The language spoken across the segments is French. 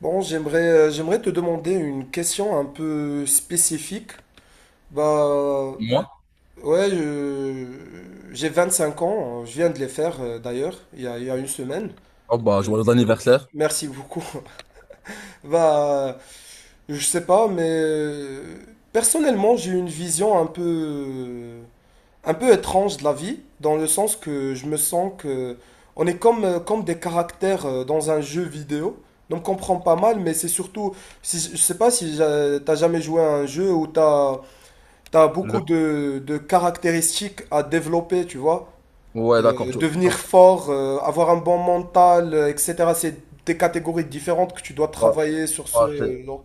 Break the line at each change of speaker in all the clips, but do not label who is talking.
Bon, j'aimerais te demander une question un peu spécifique. Bah,
Moi?
ouais, j'ai 5 ans, je viens de les faire d'ailleurs, il y a une semaine.
Oh bah,
Euh,
joyeux anniversaire.
Merci beaucoup. Bah, je sais pas, mais personnellement, j'ai une vision un peu étrange de la vie, dans le sens que je me sens que on est comme des caractères dans un jeu vidéo. Donc on comprend pas mal, mais c'est surtout, si, je sais pas si t'as jamais joué à un jeu où t'as
Le...
beaucoup de caractéristiques à développer, tu vois.
Ouais, d'accord. Tu...
Devenir
donc,
fort, avoir un bon mental, etc. C'est des catégories différentes que tu dois
bah,
travailler sur ce,
bah,
non,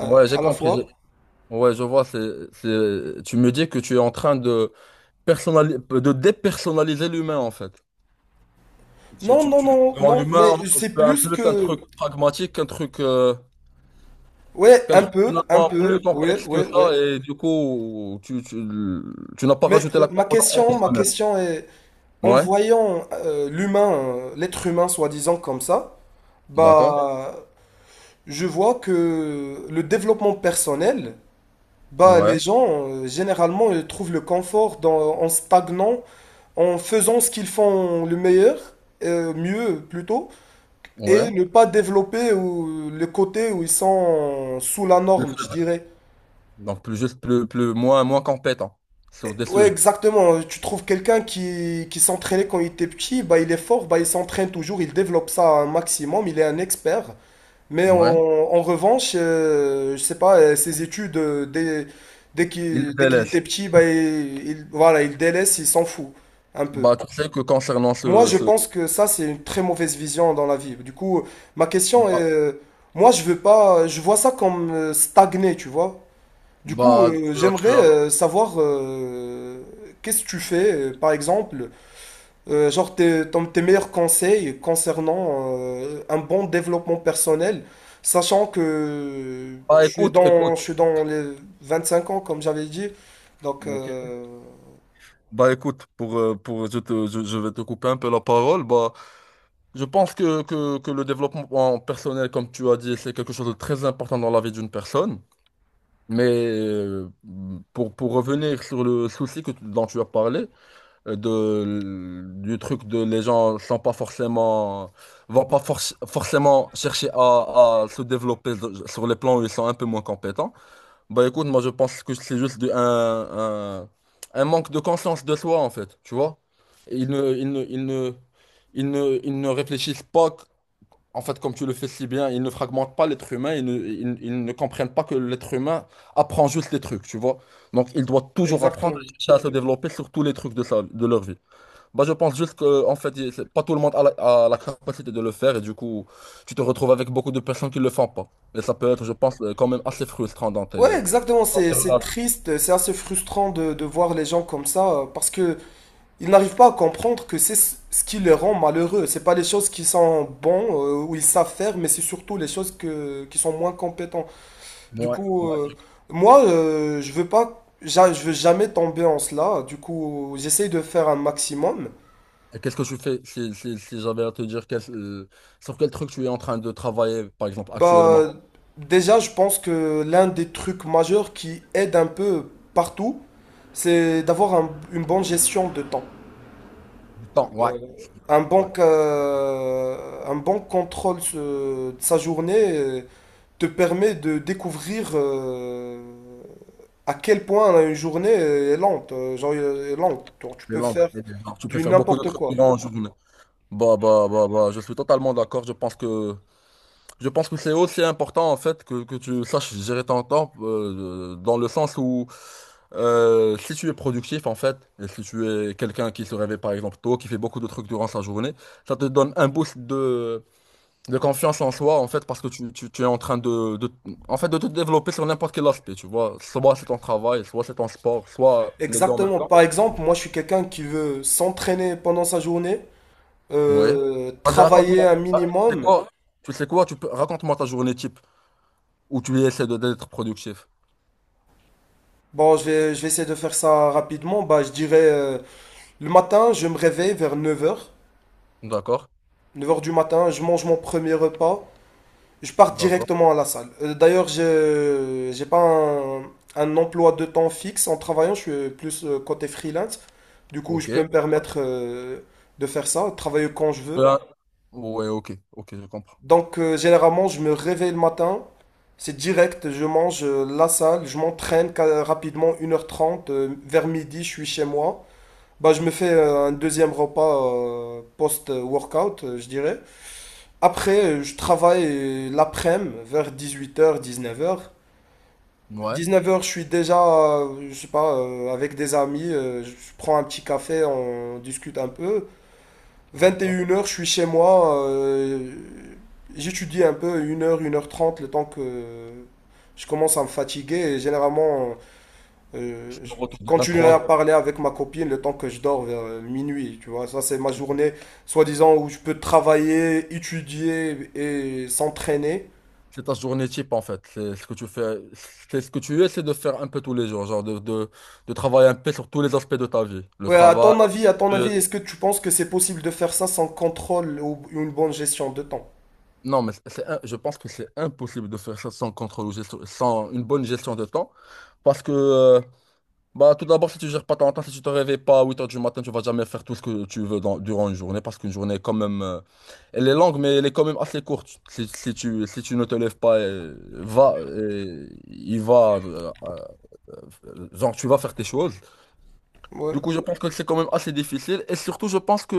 j'ai
à la
compris.
fois.
j'ai- Ouais, je vois. Tu me dis que tu es en train de, de dépersonnaliser l'humain, en fait.
Non, non, non,
Tu rends
non, mais
l'humain un
c'est
peu un-
plus
plus un
que,
truc pragmatique, un truc,
ouais,
qu'un truc
un
finalement plus
peu, ouais,
complexe que
ouais, ouais.
ça. Et du coup, tu n'as pas
Mais
rajouté la composante
ma
émotionnelle.
question est, en
Ouais,
voyant l'humain, l'être humain soi-disant comme ça,
d'accord.
bah, je vois que le développement personnel, bah, les
Ouais,
gens, généralement, ils trouvent le confort en stagnant, en faisant ce qu'ils font le meilleur, mieux plutôt, et
ouais.
ne pas développer ou, le côté où ils sont sous la norme, je dirais.
Donc, plus juste, plus, moins compétent sur des
Ouais,
sujets.
exactement. Tu trouves quelqu'un qui s'entraînait quand il était petit, bah, il est fort, bah, il s'entraîne toujours, il développe ça un maximum, il est un expert. Mais
Ouais,
en revanche, je sais pas, ses études,
il les
dès qu'il
délaisse.
était petit, bah, voilà, il délaisse, il s'en fout un peu.
Bah, tu sais que
Moi, je pense que ça, c'est une très mauvaise vision dans la vie. Du coup, ma question est,
Bah,
moi, je veux pas, je vois ça comme stagner, tu vois. Du coup,
tu as, tu
j'aimerais
as-
savoir qu'est-ce que tu fais, par exemple, genre tes meilleurs conseils concernant un bon développement personnel, sachant que
Bah, écoute, écoute.
je suis dans les 25 ans, comme j'avais dit. Donc,
Ok. Bah, écoute, pour, je vais te couper un peu la parole. Bah, je pense que le développement personnel, comme tu as dit, c'est quelque chose de très important dans la vie d'une personne. Mais pour revenir sur le souci dont tu as parlé, du truc de les gens sont pas forcément vont pas forcément chercher à se développer sur les plans où ils sont un peu moins compétents. Bah écoute, moi je pense que c'est juste un manque de conscience de soi en fait, tu vois. Ils ne, ils ne, ils ne, ils ne réfléchissent pas, en fait, comme tu le fais si bien, ils ne fragmentent pas l'être humain, ils ne comprennent pas que l'être humain apprend juste les trucs, tu vois. Donc il doit toujours apprendre
exactement.
à chercher à se développer sur tous les trucs de de leur vie. Bah, je pense juste que, en fait, pas tout le monde a a la capacité de le faire et du coup, tu te retrouves avec beaucoup de personnes qui ne le font pas. Et ça peut être, je pense, quand même assez frustrant dans
Ouais,
tes...
exactement, c'est triste, c'est assez frustrant de voir les gens comme ça, parce que ils n'arrivent pas à comprendre que c'est ce qui les rend malheureux. C'est pas les choses qui sont bons ou ils savent faire, mais c'est surtout les choses qui sont moins compétents. Du
Ouais,
coup,
ouais.
moi, je veux pas, je veux jamais tomber en cela. Du coup, j'essaye de faire un maximum.
Et qu'est-ce que tu fais si j'avais à te dire sur quel truc tu es en train de travailler, par exemple, actuellement?
Bah, déjà, je pense que l'un des trucs majeurs qui aide un peu partout, c'est d'avoir une bonne gestion de temps.
Du temps. Ouais.
Euh, un bon,
Ouais.
ca- un bon contrôle de sa journée. Te permet de découvrir à quel point une journée est lente. Genre, est lente. Genre, tu
Les
peux
langues.
faire
Et les arts. Tu peux
du
faire beaucoup de
n'importe
trucs
quoi.
durant journée. Bah, je suis totalement d'accord. Je pense que c'est aussi important, en fait, que tu saches gérer ton temps, dans le sens où si tu es productif en fait, et si tu es quelqu'un qui se réveille par exemple tôt, qui fait beaucoup de trucs durant sa journée, ça te donne un boost de confiance en soi en fait parce que tu es en train en fait, de te développer sur n'importe quel aspect, tu vois. Soit c'est ton travail, soit c'est ton sport, soit les deux en même
Exactement.
temps.
Par exemple, moi, je suis quelqu'un qui veut s'entraîner pendant sa journée,
Oui. Vas-y,
travailler
raconte-moi.
un
Ah, tu sais
minimum.
quoi? Tu sais quoi? Raconte-moi ta journée type où tu essaies d'être productif.
Bon, je vais essayer de faire ça rapidement. Bah, je dirais, le matin, je me réveille vers 9h,
D'accord?
9h du matin, je mange mon premier repas. Je pars
D'accord.
directement à la salle. D'ailleurs, je j'ai pas un, emploi de temps fixe. En travaillant, je suis plus côté freelance. Du coup, je
Ok.
peux me permettre de faire ça, travailler quand je veux.
Euh, Ouais, ok. Ok, je comprends.
Donc, généralement, je me réveille le matin. C'est direct, je mange la salle, je m'entraîne rapidement 1h30. Vers midi, je suis chez moi. Bah, je me fais un deuxième repas post-workout, je dirais. Après, je travaille l'après-midi vers 18h, 19h.
Ouais.
19h, je suis déjà, je sais pas, avec des amis, je prends un petit café, on discute un peu. 21h, je suis chez moi, j'étudie un peu 1h 1h30 le temps que je commence à me fatiguer. Et généralement, euh,
Tu
je
dois
je continuerai
vingt-trois
à
heures.
parler avec ma copine le temps que je dors vers minuit, tu vois. Ça, c'est ma journée, soi-disant, où je peux travailler, étudier et s'entraîner.
C'est ta journée type en fait. C'est ce que tu fais. C'est ce que tu essaies de faire un peu tous les jours. Genre de travailler un peu sur tous les aspects de ta vie. Le
Ouais,
travail.
à ton avis,
le-
est-ce que tu penses que c'est possible de faire ça sans contrôle ou une bonne gestion de temps?
Non, mais je pense que c'est impossible de faire ça sans contrôle ou sans une bonne gestion de temps. Parce que bah, tout d'abord, si tu gères pas ton temps, si tu te réveilles pas à 8h du matin, tu vas jamais faire tout ce que tu veux durant une journée, parce qu'une journée est quand même, elle est longue, mais elle est quand même assez courte. Si tu, si tu ne te lèves pas, genre, tu vas faire tes choses.
Ouais,
Du coup, je pense que c'est quand même assez difficile. Et surtout, je pense que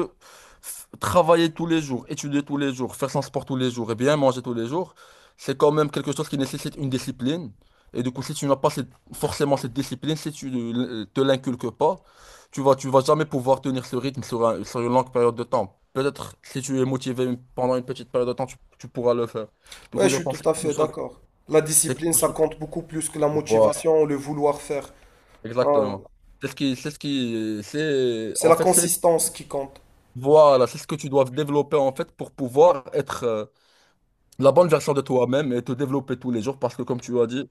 travailler tous les jours, étudier tous les jours, faire son sport tous les jours et bien manger tous les jours, c'est quand même quelque chose qui nécessite une discipline. Et du coup, si tu n'as pas forcément cette discipline, si tu ne te l'inculques pas, tu vas jamais pouvoir tenir ce rythme sur, sur une longue période de temps. Peut-être si tu es motivé pendant une petite période de temps, tu pourras le faire. Du
ouais,
coup,
je
je
suis
pense
tout
que
à fait d'accord. La
c'est
discipline,
quelque
ça
chose-
compte beaucoup plus que la
Voilà,
motivation, le vouloir faire. Hein,
exactement. C'est ce qui, c'est ce qui, c'est,
c'est
en
la
fait, c'est
consistance qui compte.
Voilà, c'est ce que tu dois développer en fait pour pouvoir être la bonne version de toi-même et te développer tous les jours parce que comme tu as dit,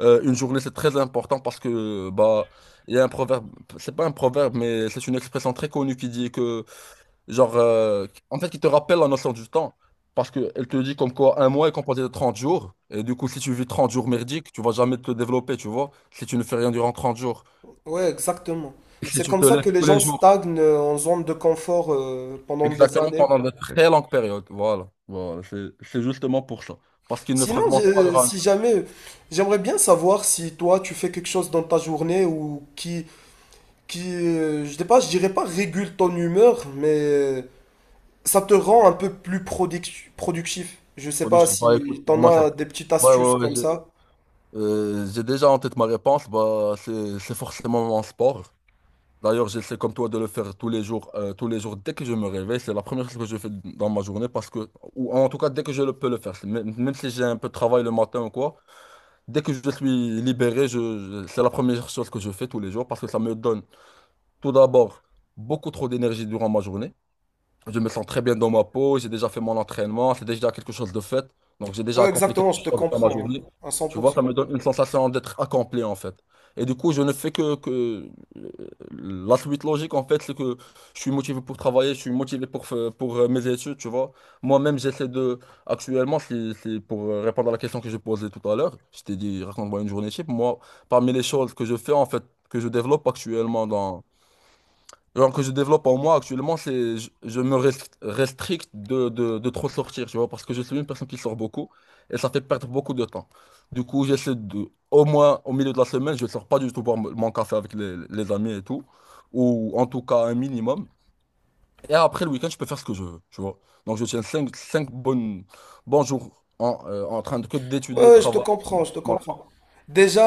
une journée c'est très important parce que bah il y a un proverbe, c'est pas un proverbe mais c'est une expression très connue qui dit que genre en fait qui te rappelle la notion du temps parce que elle te dit comme quoi un mois est composé de 30 jours et du coup si tu vis 30 jours merdiques, tu vas jamais te développer, tu vois, si tu ne fais rien durant 30 jours.
Ouais, exactement.
Et si
C'est
tu
comme
te
ça que
lèves
les
tous les
gens
jours
stagnent en zone de confort pendant des
exactement
années.
pendant de très longues périodes. Voilà, c'est justement pour ça. Parce qu'il ne
Sinon,
fragmente pas le RAM.
si jamais, j'aimerais bien savoir si toi tu fais quelque chose dans ta journée ou qui, je sais pas, je dirais pas régule ton humeur, mais ça te rend un peu plus productif. Je sais pas
Production. Bah
si
écoute, pour
t'en
moi, c'est.
as des petites
Ouais,
astuces
ouais, ouais,
comme ça.
j'ai déjà en tête ma réponse. Bah, c'est forcément mon sport. D'ailleurs, j'essaie comme toi de le faire tous les jours dès que je me réveille. C'est la première chose que je fais dans ma journée ou en tout cas, dès que je le peux le faire. C'est même si j'ai un peu de travail le matin ou quoi, dès que je suis libéré, c'est la première chose que je fais tous les jours parce que ça me donne tout d'abord beaucoup trop d'énergie durant ma journée. Je me sens très bien dans ma peau, j'ai déjà fait mon entraînement, c'est déjà quelque chose de fait. Donc j'ai déjà
Ouais,
accompli quelque
exactement, je te
chose dans ma
comprends, hein,
journée.
à
Tu vois,
100%.
ça me donne une sensation d'être accompli en fait. Et du coup, je ne fais que... euh, la suite logique en fait, c'est que je suis motivé pour travailler, je suis motivé pour, pour mes études, tu vois. Moi-même, j'essaie de... Actuellement, c'est pour répondre à la question que je posais tout à l'heure, je t'ai dit, raconte-moi une journée type. Moi, parmi les choses que je fais en fait, que je développe actuellement genre que je développe en moi actuellement, c'est je me restricte de trop sortir, tu vois, parce que je suis une personne qui sort beaucoup et ça fait perdre beaucoup de temps. Du coup, j'essaie de, au moins au milieu de la semaine, je sors pas du tout boire mon café avec les amis et tout, ou en tout cas un minimum. Et après le week-end, je peux faire ce que je veux, tu vois. Donc je tiens cinq bons jours en, en train de, que d'étudier,
Ouais, je te
travailler.
comprends, je te
Voilà.
comprends.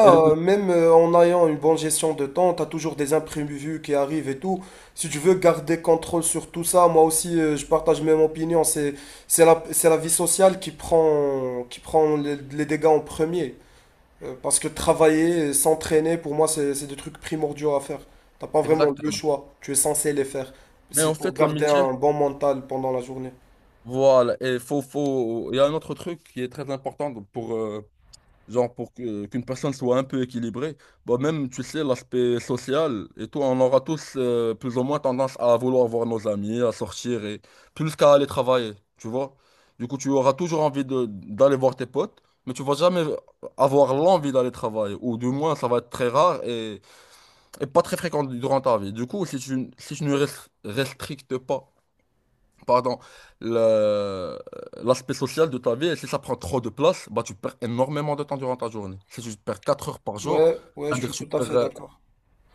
Et le-
même en ayant une bonne gestion de temps, t'as toujours des imprévus qui arrivent et tout. Si tu veux garder contrôle sur tout ça, moi aussi, je partage même opinion. C'est la vie sociale qui prend les dégâts en premier. Parce que travailler et s'entraîner, pour moi, c'est des trucs primordiaux à faire. T'as pas vraiment le
Exactement.
choix. Tu es censé les faire.
Mais
Si
en
pour
fait,
garder
l'amitié,
un bon mental pendant la journée.
voilà. Et faut... Il y a un autre truc qui est très important pour, genre pour qu'une personne soit un peu équilibrée, bah même, tu sais, l'aspect social et tout, on aura tous plus ou moins tendance à vouloir voir nos amis, à sortir et plus qu'à aller travailler, tu vois. Du coup, tu auras toujours envie de d'aller voir tes potes, mais tu vas jamais avoir l'envie d'aller travailler, ou du moins, ça va être très rare et pas très fréquent durant ta vie. Du coup, si tu, si tu ne restrictes pas pardon, le- l'aspect social de ta vie. Et si ça prend trop de place, bah, tu perds énormément de temps durant ta journée. Si tu perds 4 heures par jour,
Ouais, ouais, je
c'est-à-dire
suis
que
tout à fait d'accord.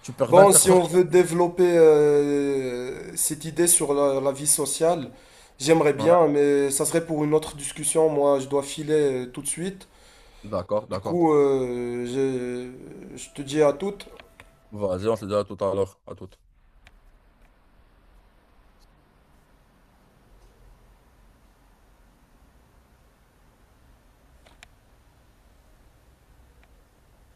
tu perds
Bon, si
24 heures.
on veut développer cette idée sur la vie sociale, j'aimerais
Ouais,
bien, mais ça serait pour une autre discussion. Moi, je dois filer tout de suite.
d'accord,
Du
d'accord.
coup, je te dis à toutes.
Vas-y, on se dit à tout à l'heure, à tout.